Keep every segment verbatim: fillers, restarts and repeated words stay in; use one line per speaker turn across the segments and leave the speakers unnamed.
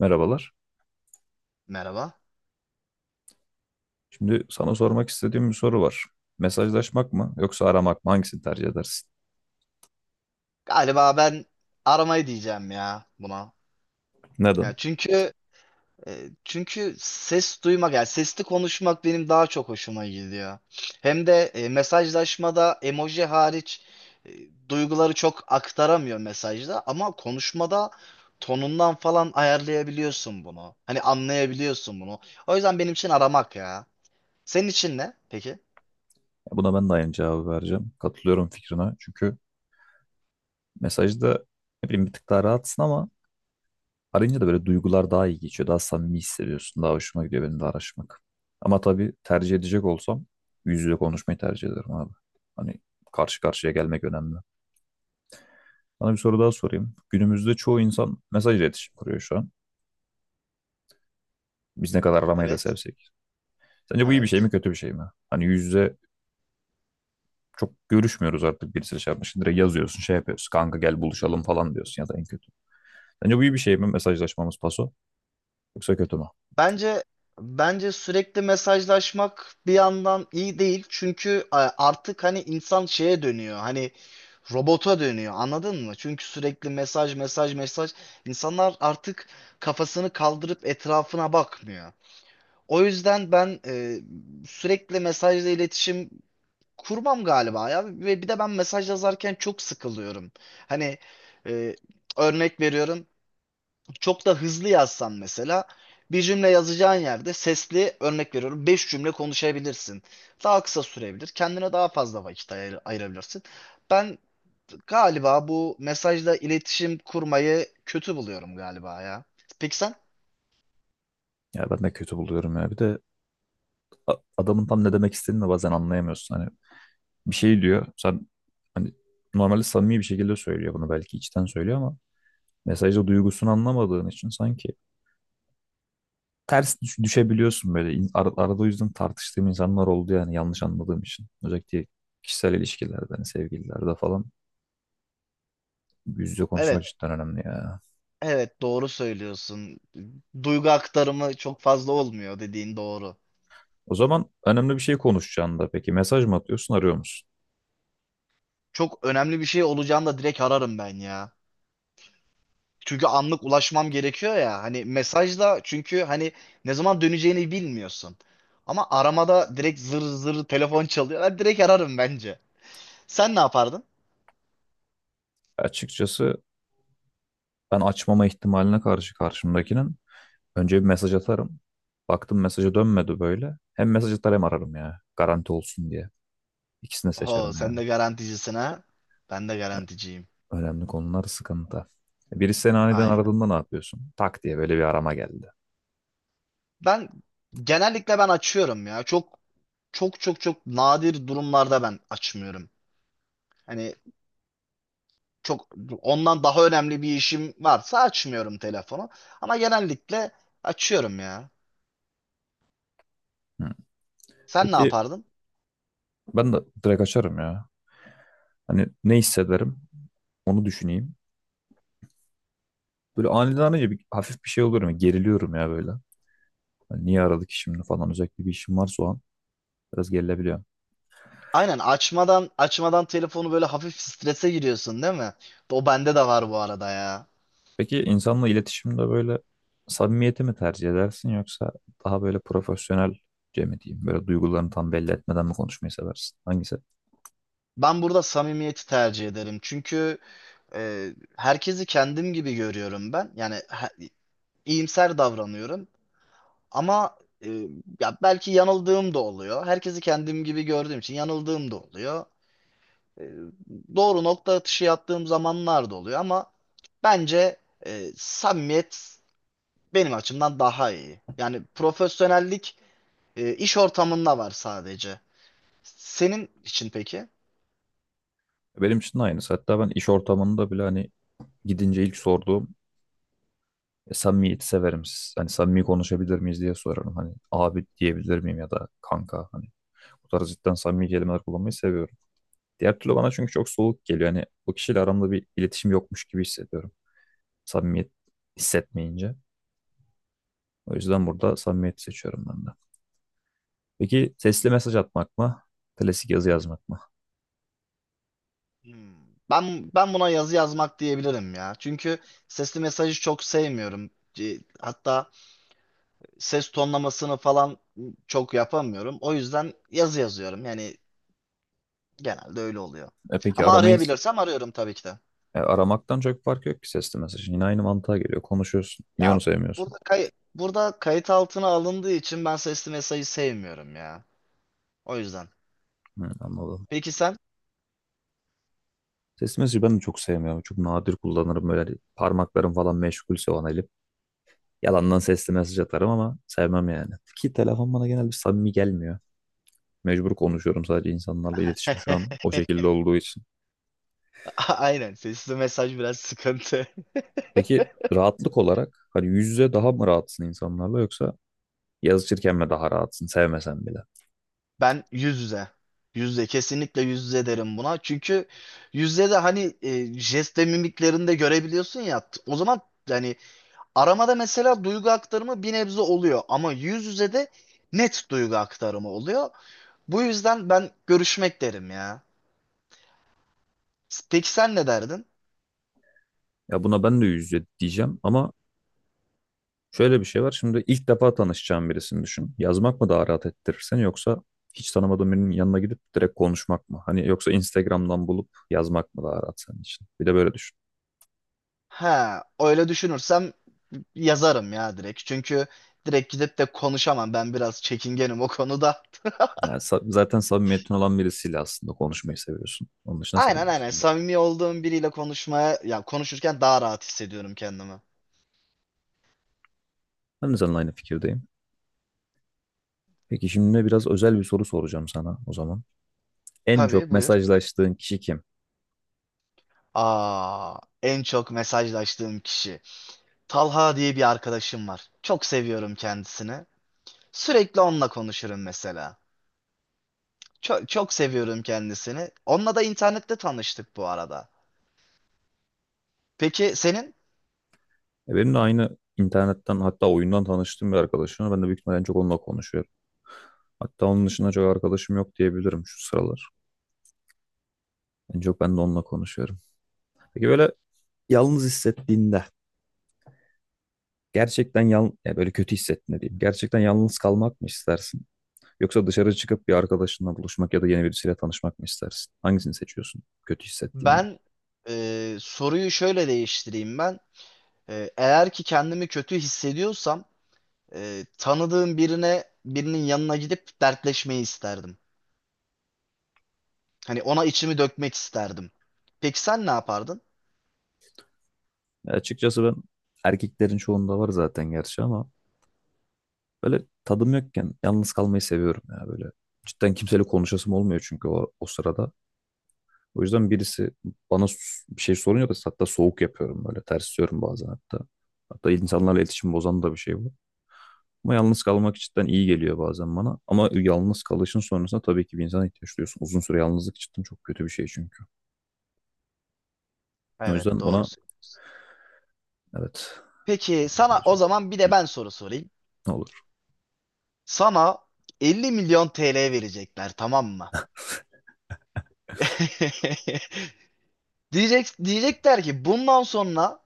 Merhabalar.
Merhaba.
Şimdi sana sormak istediğim bir soru var. Mesajlaşmak mı yoksa aramak mı? Hangisini tercih edersin?
Galiba ben aramayı diyeceğim ya buna.
Neden?
Ya çünkü e, çünkü ses duymak yani sesli konuşmak benim daha çok hoşuma gidiyor. Hem de e, mesajlaşmada emoji hariç e, duyguları çok aktaramıyor mesajda ama konuşmada tonundan falan ayarlayabiliyorsun bunu. Hani anlayabiliyorsun bunu. O yüzden benim için aramak ya. Senin için ne peki?
Ya buna ben de aynı cevabı vereceğim. Katılıyorum fikrine. Çünkü mesajda, ne bileyim, bir tık daha rahatsın ama arayınca da böyle duygular daha iyi geçiyor. Daha samimi hissediyorsun. Daha hoşuma gidiyor benim de araşmak. Ama tabii tercih edecek olsam yüz yüze konuşmayı tercih ederim abi. Hani karşı karşıya gelmek önemli. Sana bir soru daha sorayım. Günümüzde çoğu insan mesaj iletişim kuruyor şu an. Biz ne kadar aramayı da
Evet.
sevsek. Sence bu iyi bir şey mi
Evet.
kötü bir şey mi? Hani yüz yüze çok görüşmüyoruz artık, birisiyle şey yapmışsın. Direkt yazıyorsun, şey yapıyorsun. Kanka gel buluşalım falan diyorsun ya da en kötü. Sence bu iyi bir şey mi mesajlaşmamız paso? Yoksa kötü mü?
Bence bence sürekli mesajlaşmak bir yandan iyi değil. Çünkü e, artık hani insan şeye dönüyor. Hani robota dönüyor. Anladın mı? Çünkü sürekli mesaj mesaj mesaj insanlar artık kafasını kaldırıp etrafına bakmıyor. O yüzden ben e, sürekli mesajla iletişim kurmam galiba ya ve bir de ben mesaj yazarken çok sıkılıyorum. Hani e, örnek veriyorum çok da hızlı yazsan mesela bir cümle yazacağın yerde sesli örnek veriyorum beş cümle konuşabilirsin. Daha kısa sürebilir. Kendine daha fazla vakit ayır- ayırabilirsin. Ben galiba bu mesajla iletişim kurmayı kötü buluyorum galiba ya. Peki sen?
Ya ben de kötü buluyorum ya. Bir de a- adamın tam ne demek istediğini de bazen anlayamıyorsun. Hani bir şey diyor. Sen hani normalde samimi bir şekilde söylüyor bunu, belki içten söylüyor ama mesajda duygusunu anlamadığın için sanki ters düş- düşebiliyorsun böyle. İn- ar- arada o yüzden tartıştığım insanlar oldu yani, yanlış anladığım için. Özellikle kişisel ilişkilerde, hani sevgililerde falan, yüz yüze konuşmak
Evet,
cidden önemli ya.
evet doğru söylüyorsun. Duygu aktarımı çok fazla olmuyor dediğin doğru.
O zaman önemli bir şey konuşacağında peki mesaj mı atıyorsun, arıyor musun?
Çok önemli bir şey olacağını da direkt ararım ben ya. Çünkü anlık ulaşmam gerekiyor ya. Hani mesajla çünkü hani ne zaman döneceğini bilmiyorsun. Ama aramada direkt zır zır telefon çalıyor. Ben direkt ararım bence. Sen ne yapardın?
Açıkçası ben açmama ihtimaline karşı karşımdakinin önce bir mesaj atarım. Baktım mesajı dönmedi böyle. Hem mesaj atar hem ararım ya. Garanti olsun diye. İkisini
Oho
seçerim
sen
yani.
de garanticisin ha. Ben de garanticiyim.
Önemli konular sıkıntı. Birisi seni aniden
Aynen.
aradığında ne yapıyorsun? Tak diye böyle bir arama geldi.
Ben genellikle ben açıyorum ya. Çok çok çok çok nadir durumlarda ben açmıyorum. Hani çok ondan daha önemli bir işim varsa açmıyorum telefonu. Ama genellikle açıyorum ya.
Hı.
Sen ne
Peki
yapardın?
ben de direkt açarım ya. Hani ne hissederim onu düşüneyim. Böyle aniden arayınca bir, hafif bir şey oluyorum ya. Geriliyorum ya böyle. Hani niye aradık ki şimdi falan, özellikle bir işim varsa o an biraz gerilebiliyor.
Aynen açmadan açmadan telefonu böyle hafif strese giriyorsun değil mi? O bende de var bu arada ya.
Peki insanla iletişimde böyle samimiyeti mi tercih edersin yoksa daha böyle profesyonelce mi diyeyim? Böyle duygularını tam belli etmeden mi konuşmayı seversin? Hangisi?
Ben burada samimiyeti tercih ederim. Çünkü e, herkesi kendim gibi görüyorum ben. Yani he- iyimser davranıyorum. Ama e, ya belki yanıldığım da oluyor. Herkesi kendim gibi gördüğüm için yanıldığım da oluyor. E, doğru nokta atışı yaptığım zamanlar da oluyor ama bence e, samimiyet benim açımdan daha iyi. Yani profesyonellik E, iş ortamında var sadece. Senin için peki?
Benim için de aynısı. Hatta ben iş ortamında bile, hani gidince ilk sorduğum, "E, samimiyeti severim. Siz- Hani samimi konuşabilir miyiz" diye sorarım. Hani abi diyebilir miyim ya da kanka, hani bu tarz cidden samimi kelimeler kullanmayı seviyorum. Diğer türlü bana çünkü çok soğuk geliyor. Hani o kişiyle aramda bir iletişim yokmuş gibi hissediyorum. Samimiyet hissetmeyince. O yüzden burada samimiyeti seçiyorum ben de. Peki sesli mesaj atmak mı? Klasik yazı yazmak mı?
Hmm. Ben ben buna yazı yazmak diyebilirim ya. Çünkü sesli mesajı çok sevmiyorum. E, Hatta ses tonlamasını falan çok yapamıyorum. O yüzden yazı yazıyorum. Yani genelde öyle oluyor.
E peki
Ama
aramayı
arayabilirsem arıyorum tabii ki de.
e, aramaktan çok fark yok ki sesli mesajın. Yine aynı mantığa geliyor. Konuşuyorsun. Niye onu
Ya
sevmiyorsun?
burada kay burada kayıt altına alındığı için ben sesli mesajı sevmiyorum ya. O yüzden.
Hı, anladım.
Peki sen?
Sesli mesajı ben de çok sevmiyorum. Çok nadir kullanırım. Böyle hani parmaklarım falan meşgulse o an, elim. Yalandan sesli mesaj atarım ama sevmem yani. Ki telefon bana genelde samimi gelmiyor. Mecbur konuşuyorum, sadece insanlarla iletişim şu an o şekilde olduğu için.
Aynen sesli mesaj biraz sıkıntı.
Peki rahatlık olarak hani yüz yüze daha mı rahatsın insanlarla, yoksa yazışırken mi daha rahatsın sevmesen bile?
Ben yüz yüze. Yüz yüze. Kesinlikle yüz yüze derim buna. Çünkü yüz yüze de hani e, jest ve mimiklerini de görebiliyorsun ya. T- O zaman yani aramada mesela duygu aktarımı bir nebze oluyor. Ama yüz yüze de net duygu aktarımı oluyor. Bu yüzden ben görüşmek derim ya. Peki sen ne derdin?
Ya buna ben de yüz yüze diyeceğim ama şöyle bir şey var. Şimdi ilk defa tanışacağın birisini düşün. Yazmak mı daha rahat ettirir seni, yoksa hiç tanımadığın birinin yanına gidip direkt konuşmak mı? Hani yoksa Instagram'dan bulup yazmak mı daha rahat senin için? Bir de böyle düşün.
Ha, öyle düşünürsem yazarım ya direkt. Çünkü direkt gidip de konuşamam. Ben biraz çekingenim o konuda.
Ha, sa- zaten samimiyetin olan birisiyle aslında konuşmayı seviyorsun. Onun dışında
Aynen aynen.
sevmiyorsun.
Samimi olduğum biriyle konuşmaya, ya konuşurken daha rahat hissediyorum kendimi.
Ben de seninle aynı fikirdeyim. Peki şimdi biraz özel bir soru soracağım sana o zaman. En çok
Tabii buyur.
mesajlaştığın kişi kim?
Aa, en çok mesajlaştığım kişi. Talha diye bir arkadaşım var. Çok seviyorum kendisini. Sürekli onunla konuşurum mesela. Çok, çok seviyorum kendisini. Onunla da internette tanıştık bu arada. Peki senin?
E, Benim de aynı, internetten hatta oyundan tanıştığım bir arkadaşım var. Ben de büyük ihtimalle en çok onunla konuşuyorum. Hatta onun dışında çok arkadaşım yok diyebilirim şu sıralar. En çok ben de onunla konuşuyorum. Peki böyle yalnız hissettiğinde, gerçekten yal ya böyle kötü hissettiğinde diyeyim. Gerçekten yalnız kalmak mı istersin? Yoksa dışarı çıkıp bir arkadaşınla buluşmak ya da yeni birisiyle tanışmak mı istersin? Hangisini seçiyorsun kötü hissettiğinde?
Ben e, soruyu şöyle değiştireyim ben. E, eğer ki kendimi kötü hissediyorsam e, tanıdığım birine birinin yanına gidip dertleşmeyi isterdim. Hani ona içimi dökmek isterdim. Peki sen ne yapardın?
Ya açıkçası ben, erkeklerin çoğunda var zaten gerçi ama, böyle tadım yokken yalnız kalmayı seviyorum ya böyle. Cidden kimseyle konuşasım olmuyor çünkü o, o sırada. O yüzden birisi bana s- bir şey soruyor da hatta soğuk yapıyorum böyle, tersliyorum bazen hatta. Hatta insanlarla iletişim bozan da bir şey bu. Ama yalnız kalmak cidden iyi geliyor bazen bana. Ama yalnız kalışın sonrasında tabii ki bir insana ihtiyaç duyuyorsun. Uzun süre yalnızlık cidden çok kötü bir şey çünkü. O
Evet,
yüzden buna
doğrusu.
evet,
Peki
bana böyle
sana
bir
o
cevap ver.
zaman bir de ben soru sorayım.
Hı, olur.
Sana elli milyon T L verecekler, tamam mı? Diyecek, diyecekler ki bundan sonra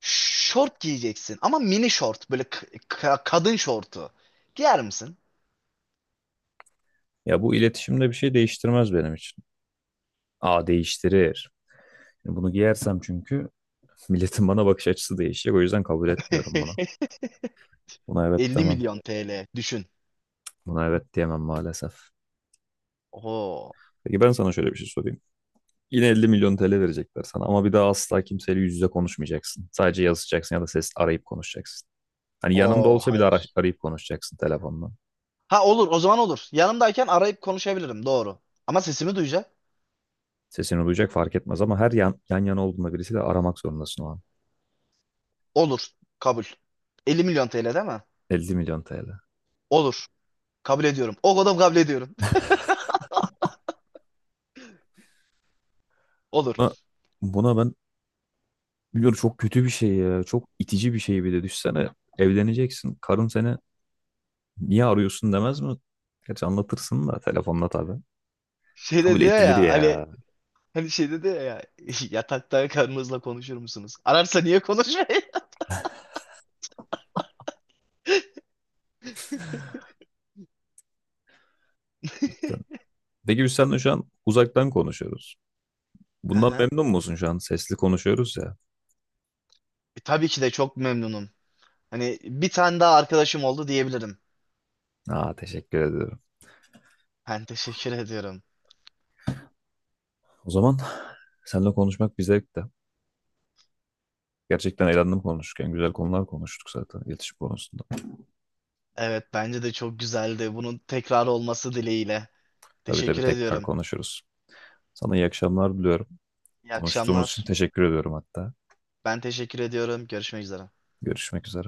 şort giyeceksin ama mini şort böyle k- ka- kadın şortu. Giyer misin?
Ya bu iletişimde bir şey değiştirmez benim için. Aa, değiştirir. Bunu giyersem çünkü milletin bana bakış açısı değişecek. O yüzden kabul etmiyorum bunu. Buna evet
elli
demem.
milyon T L düşün.
Buna evet diyemem maalesef.
Oo.
Peki ben sana şöyle bir şey sorayım. Yine elli milyon T L verecekler sana ama bir daha asla kimseyle yüz yüze konuşmayacaksın. Sadece yazacaksın ya da ses arayıp konuşacaksın. Hani yanında
Oo
olsa bile ara-
hayır.
arayıp konuşacaksın telefonla.
Ha olur o zaman olur. Yanımdayken arayıp konuşabilirim doğru. Ama sesimi duyacak.
Sesini duyacak, fark etmez ama her yan, yan yana olduğunda birisiyle aramak zorundasın o an.
Olur. Kabul. elli milyon T L değil mi?
elli milyon T L.
Olur. Kabul ediyorum. O kadar kabul ediyorum.
Buna,
Olur.
buna ben biliyorum çok kötü bir şey ya. Çok itici bir şey bir de. Düşsene, evleneceksin. Karın seni, niye arıyorsun, demez mi? Gerçi anlatırsın da telefonla tabii.
Şey
Kabul
dedi
edilir
ya hani
ya.
hani şey dedi ya yatakta karınızla konuşur musunuz? Ararsa niye konuşmayın?
Cidden. Peki biz seninle şu an uzaktan konuşuyoruz.
Hı
Bundan
hı.
memnun musun şu an? Sesli konuşuyoruz ya.
E, tabii ki de çok memnunum. Hani bir tane daha arkadaşım oldu diyebilirim.
Aa, teşekkür ediyorum.
Ben teşekkür ediyorum.
O zaman seninle konuşmak bir zevkti. Gerçekten eğlendim konuşurken. Güzel konular konuştuk zaten, iletişim konusunda.
Evet bence de çok güzeldi. Bunun tekrar olması dileğiyle.
Tabii tabii,
Teşekkür
tekrar
ediyorum.
konuşuruz. Sana iyi akşamlar diliyorum.
İyi
Konuştuğumuz için
akşamlar.
teşekkür ediyorum hatta.
Ben teşekkür ediyorum. Görüşmek üzere.
Görüşmek üzere.